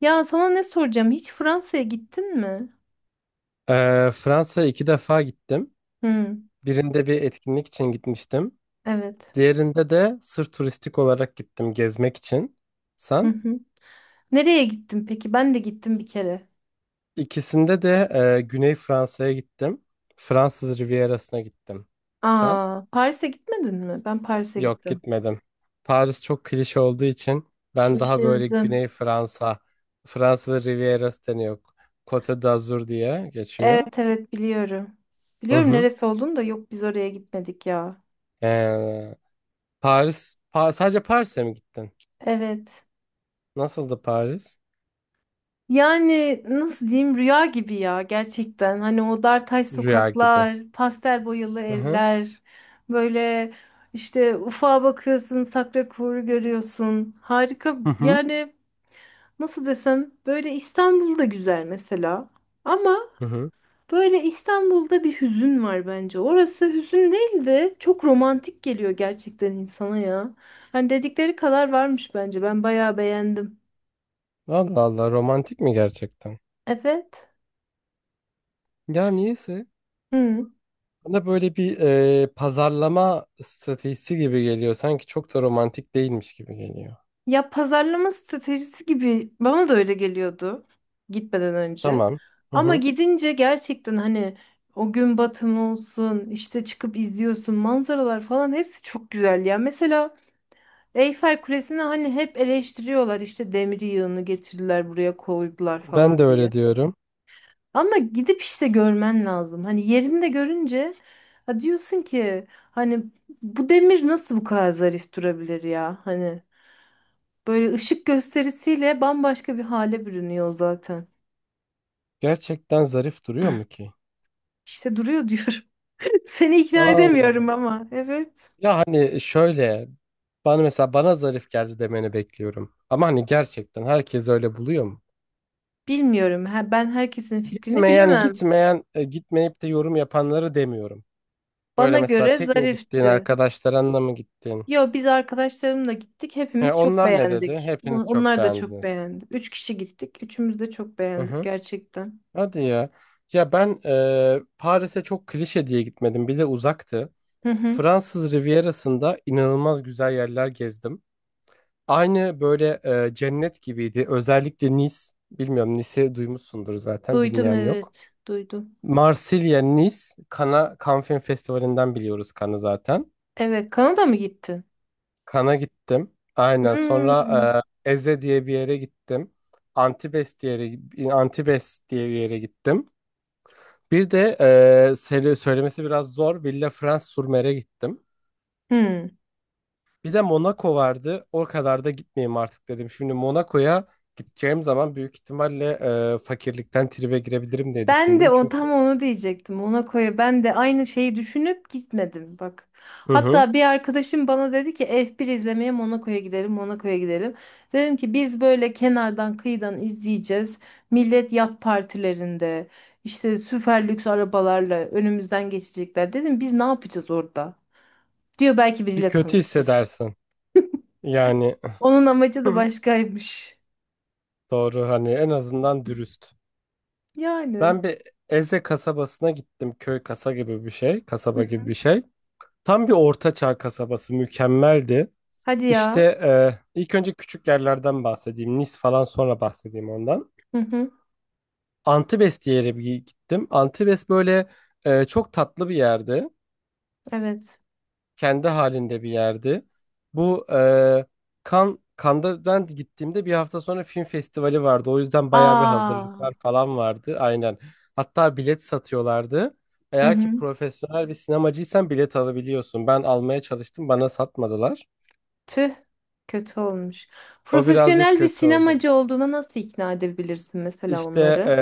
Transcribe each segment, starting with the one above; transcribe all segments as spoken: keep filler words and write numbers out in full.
Ya sana ne soracağım? Hiç Fransa'ya gittin mi? Ee, Fransa'ya iki defa gittim. Hı, Birinde bir etkinlik için gitmiştim. evet. Diğerinde de sırf turistik olarak gittim gezmek için. Hı Sen? hı. Nereye gittin peki? Ben de gittim bir kere. İkisinde de e, Güney Fransa'ya gittim. Fransız Rivierası'na gittim. Sen? Aa, Paris'e gitmedin mi? Ben Paris'e Yok, gittim. gitmedim. Paris çok klişe olduğu için ben daha böyle Şaşırdım. Güney Fransa, Fransız Rivierası deniyor. Côte d'Azur diye geçiyor. Evet evet biliyorum. Hı Biliyorum hı. neresi olduğunu da yok biz oraya gitmedik ya. Ee, Paris, Pa- sadece Paris'e mi gittin? Evet. Nasıldı Paris? Yani nasıl diyeyim, rüya gibi ya gerçekten. Hani o dartaş Rüya gibi. sokaklar, pastel boyalı Hı hı. evler, böyle işte ufağa bakıyorsun, Sakrakor'u görüyorsun. Harika Hı hı. yani, nasıl desem, böyle İstanbul'da güzel mesela. Ama Hı hı. böyle İstanbul'da bir hüzün var bence. Orası hüzün değil de çok romantik geliyor gerçekten insana ya. Hani dedikleri kadar varmış bence. Ben bayağı beğendim. Allah Allah, romantik mi gerçekten? Evet. Ya niyeyse Hı. bana böyle bir e, pazarlama stratejisi gibi geliyor. Sanki çok da romantik değilmiş gibi geliyor. Ya pazarlama stratejisi gibi bana da öyle geliyordu gitmeden önce. Tamam. Hı Ama hı. gidince gerçekten hani o gün batımı olsun, işte çıkıp izliyorsun manzaralar falan, hepsi çok güzel ya. Mesela Eyfel Kulesi'ni hani hep eleştiriyorlar, işte demir yığını getirdiler buraya koydular Ben de falan diye. öyle diyorum. Ama gidip işte görmen lazım. Hani yerinde görünce ha diyorsun ki, hani bu demir nasıl bu kadar zarif durabilir ya? Hani böyle ışık gösterisiyle bambaşka bir hale bürünüyor zaten. Gerçekten zarif duruyor mu ki? İşte duruyor diyorum. Seni ikna edemiyorum Allah. ama. Evet. Ya hani şöyle bana mesela bana zarif geldi demeni bekliyorum. Ama hani gerçekten herkes öyle buluyor mu? Bilmiyorum. Ha, ben herkesin fikrini Gitmeyen bilemem. gitmeyen e, gitmeyip de yorum yapanları demiyorum. Böyle Bana mesela göre tek mi gittiğin, zarifti. arkadaşlarınla mı gittin? Yo, biz arkadaşlarımla gittik. He, Hepimiz çok onlar ne dedi? beğendik. On- Hepiniz çok Onlar da çok beğendiniz. beğendi. Üç kişi gittik. Üçümüz de çok Hı beğendik hı. gerçekten. Hadi ya. Ya ben e, Paris'e çok klişe diye gitmedim. Bir de uzaktı. Hı hı. Fransız Rivierası'nda inanılmaz güzel yerler gezdim. Aynı böyle e, cennet gibiydi. Özellikle Nice. Bilmiyorum, Nice'i duymuşsundur zaten. Duydum Bilmeyen yok. evet. Duydum. Marsilya, Nice. Kana, Cannes Film Festivali'nden biliyoruz Cannes'ı zaten. Evet. Kanada mı gittin? Kan'a gittim. Aynen. Sonra Hmm. e, Eze diye bir yere gittim. Antibes diye yere, Antibes diye bir yere gittim. Bir de e, seri- söylemesi biraz zor. Villefranche-sur-Mer'e gittim. Hmm. Bir de Monaco vardı. O kadar da gitmeyeyim artık dedim. Şimdi Monaco'ya gideceğim zaman büyük ihtimalle e, fakirlikten tribe girebilirim diye Ben de düşündüm. o, tam Çünkü. onu diyecektim. Ona koyu, ben de aynı şeyi düşünüp gitmedim bak. Hı hı. Hatta bir arkadaşım bana dedi ki F bir izlemeye Monaco'ya gidelim, Monaco'ya gidelim. Dedim ki biz böyle kenardan kıyıdan izleyeceğiz. Millet yat partilerinde işte süper lüks arabalarla önümüzden geçecekler. Dedim biz ne yapacağız orada? Diyor belki Bir biriyle kötü tanışırız. hissedersin. Yani Onun amacı da başkaymış. doğru, hani en azından dürüst. Yani. Ben bir Eze kasabasına gittim. Köy kasa gibi bir şey. Hı Kasaba gibi hı. bir şey. Tam bir orta çağ kasabası. Mükemmeldi. Hadi İşte ya. e, ilk önce küçük yerlerden bahsedeyim. Nis falan sonra bahsedeyim ondan. Hı hı. Antibes diye bir yere bir gittim. Antibes böyle e, çok tatlı bir yerdi, Evet. kendi halinde bir yerdi. Bu e, Kan Cannes'da ben gittiğimde bir hafta sonra film festivali vardı. O yüzden bayağı bir Aa. hazırlıklar falan vardı. Aynen. Hatta bilet satıyorlardı. Hı Eğer hı. ki profesyonel bir sinemacıysan bilet alabiliyorsun. Ben almaya çalıştım, bana satmadılar. Tüh, kötü olmuş. O birazcık Profesyonel bir kötü oldu. sinemacı olduğuna nasıl ikna edebilirsin mesela İşte onları?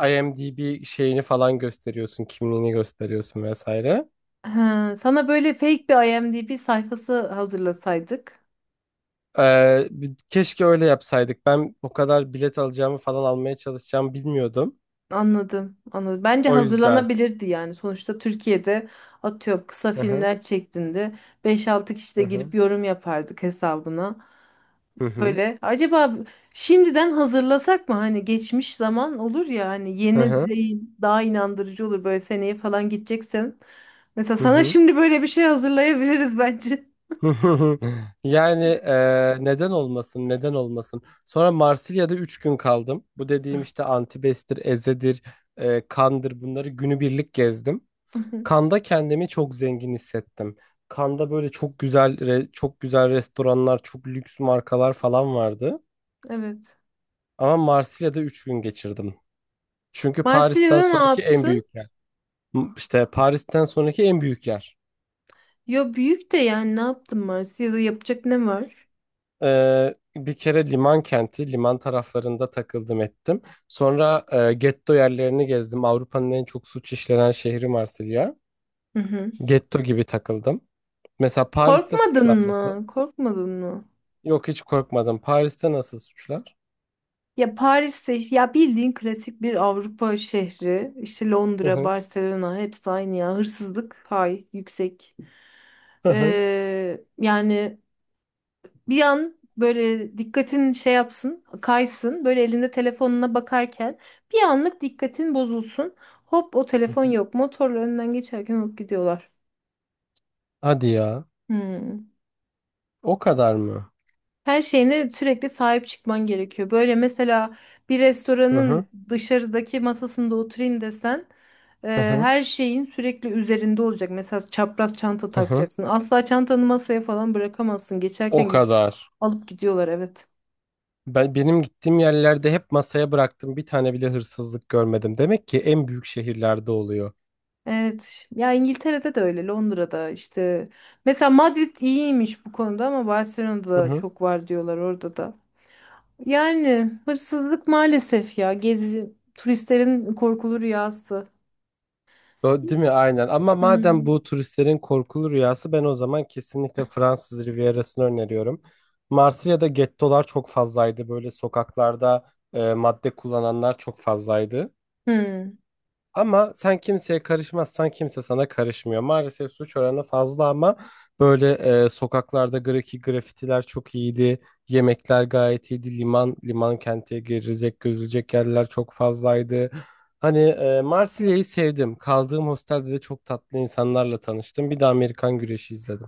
e, IMDb şeyini falan gösteriyorsun, kimliğini gösteriyorsun vesaire. Ha, sana böyle fake bir IMDb sayfası hazırlasaydık. Ee, bir- keşke öyle yapsaydık. Ben o kadar bilet alacağımı falan almaya çalışacağımı bilmiyordum. Anladım, anladım. Bence O yüzden. hazırlanabilirdi yani. Sonuçta Türkiye'de atıyorum kısa Hı hı. filmler çektiğinde beş altı kişi de Hı girip hı. yorum yapardık hesabına. Hı hı. Böyle. Acaba şimdiden hazırlasak mı? Hani geçmiş zaman olur ya, hani Hı yeni hı. değil, daha inandırıcı olur böyle seneye falan gideceksen. Mesela Hı sana hı. şimdi böyle bir şey hazırlayabiliriz bence. hı hı. Yani eee, neden olmasın, neden olmasın. Sonra Marsilya'da üç gün kaldım. Bu dediğim işte Antibes'tir, Eze'dir, eee, Kan'dır, bunları günübirlik gezdim. Hı hı. Kan'da kendimi çok zengin hissettim. Kan'da böyle çok güzel re- çok güzel restoranlar, çok lüks markalar falan vardı. Evet. Ama Marsilya'da üç gün geçirdim. Çünkü Paris'ten Marsilya'da ne sonraki en büyük yaptın? yer. M- İşte Paris'ten sonraki en büyük yer. Ya büyük de yani, ne yaptın Marsilya'da, yapacak ne var? Ee, bir kere liman kenti, liman taraflarında takıldım ettim. Sonra e, getto yerlerini gezdim. Avrupa'nın en çok suç işlenen şehri Marsilya. Hı hı. Getto gibi takıldım. Mesela Paris'te Korkmadın suçlar nasıl? mı? Korkmadın mı? Yok, hiç korkmadım. Paris'te nasıl suçlar? Ya Paris'te işte- ya bildiğin klasik bir Avrupa şehri. İşte Hı Londra, hı. Barcelona, hepsi aynı ya. Hırsızlık hay yüksek. Hı hı. Ee, yani bir an böyle dikkatin şey yapsın, kaysın. Böyle elinde telefonuna bakarken bir anlık dikkatin bozulsun. Hop, o Hı telefon hı. yok. Motorla önünden geçerken alıp gidiyorlar. Hadi ya. Hmm. O kadar mı? Her şeyine sürekli sahip çıkman gerekiyor. Böyle mesela bir Hı restoranın hı. dışarıdaki masasında oturayım desen e, Hı hı. her şeyin sürekli üzerinde olacak. Mesela çapraz çanta Hı hı. takacaksın. Asla çantanı masaya falan bırakamazsın. O Geçerken gidip kadar. alıp gidiyorlar, evet. Ben, benim gittiğim yerlerde hep masaya bıraktım. Bir tane bile hırsızlık görmedim. Demek ki en büyük şehirlerde oluyor. Evet. Ya İngiltere'de de öyle, Londra'da işte. Mesela Madrid iyiymiş bu konuda ama Barcelona'da Hı da hı. çok var diyorlar, orada da. Yani hırsızlık maalesef ya, gezi turistlerin korkulu rüyası. O, değil mi? Aynen. Ama madem Hmm. bu turistlerin korkulu rüyası, ben o zaman kesinlikle Fransız Rivierası'nı öneriyorum. Marsilya'da gettolar çok fazlaydı. Böyle sokaklarda e, madde kullananlar çok fazlaydı. Hmm. Ama sen kimseye karışmazsan, kimse sana karışmıyor. Maalesef suç oranı fazla ama böyle e, sokaklarda grafiki grafitiler çok iyiydi. Yemekler gayet iyiydi. Liman liman kente girecek gözülecek yerler çok fazlaydı. Hani e, Marsilya'yı sevdim. Kaldığım hostelde de çok tatlı insanlarla tanıştım. Bir de Amerikan güreşi izledim.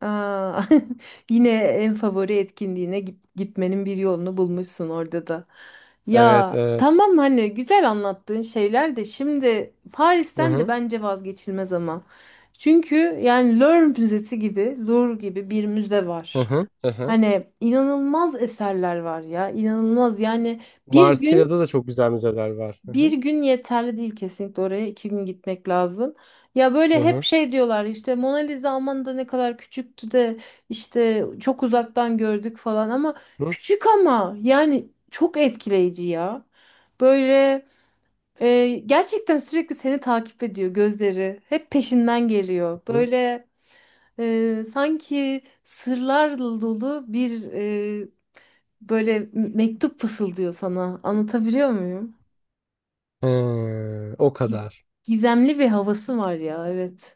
Aa, yine en favori etkinliğine git- gitmenin bir yolunu bulmuşsun orada da. Evet, Ya evet. tamam, hani güzel anlattığın şeyler de, şimdi Hı Paris'ten de hı, bence vazgeçilmez ama. Çünkü yani Louvre Müzesi gibi, Louvre gibi bir müze hı var. hı, hı hı. Hani inanılmaz eserler var ya, inanılmaz yani. bir gün Marsilya'da da çok güzel müzeler var. Hı Bir hı, gün yeterli değil, kesinlikle oraya iki gün gitmek lazım. Ya böyle hı hep hı, şey diyorlar, işte Mona Lisa aman da ne kadar küçüktü de, işte çok uzaktan gördük falan, ama hı küçük ama yani çok etkileyici ya. Böyle e, gerçekten sürekli seni takip ediyor gözleri, hep peşinden geliyor. hı. Böyle e, sanki sırlar dolu bir, e, böyle mektup fısıldıyor sana, anlatabiliyor muyum? Hı. O gi- kadar. Gizemli bir havası var ya, evet.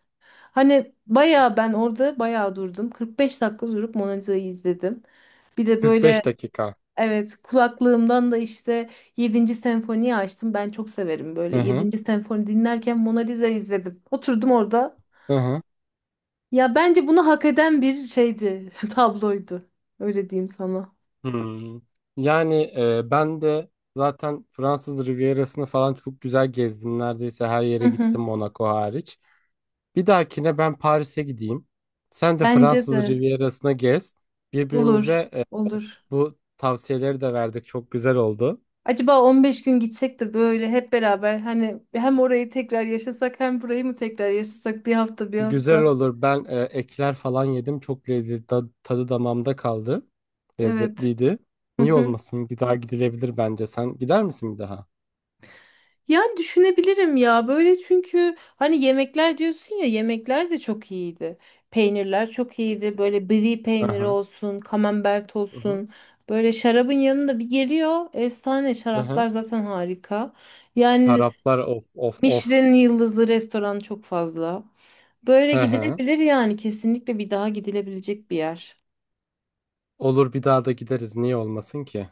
Hani bayağı, ben orada bayağı durdum. kırk beş dakika durup Mona Lisa'yı izledim. Bir de Kırk böyle, beş dakika. evet, kulaklığımdan da işte yedinci senfoniyi açtım. Ben çok severim, Hı böyle hı. yedinci senfoni dinlerken Mona Lisa izledim. Oturdum orada. Hı hı. Ya bence bunu hak eden bir şeydi, tabloydu. Öyle diyeyim sana. Hmm. Yani e, ben de zaten Fransız Rivierası'nı falan çok güzel gezdim. Neredeyse her Hı yere hı. gittim, Monaco hariç. Bir dahakine ben Paris'e gideyim. Sen de Bence Fransız de Rivierası'na gez. olur, Birbirimize e, olur. bu tavsiyeleri de verdik. Çok güzel oldu. Acaba on beş gün gitsek de böyle hep beraber hani, hem orayı tekrar yaşasak hem burayı mı tekrar yaşasak, bir hafta bir Güzel hafta. olur. Ben e, ekler falan yedim. Çok lezzetli. da- Tadı damağımda kaldı. Evet. Lezzetliydi. Hı Niye hı. olmasın? Bir daha gidilebilir bence. Sen gider misin bir daha? Yani düşünebilirim ya böyle, çünkü hani yemekler diyorsun ya, yemekler de çok iyiydi. Peynirler çok iyiydi. Böyle brie peyniri Aha. olsun, kamembert Hı hı. Hı. olsun. Böyle şarabın yanında bir geliyor. Efsane Hı hı. şaraplar zaten, harika. Yani Şaraplar of of of. Michelin yıldızlı restoran çok fazla. Böyle Hı hı. gidilebilir yani, kesinlikle bir daha gidilebilecek bir yer. Olur, bir daha da gideriz. Niye olmasın ki?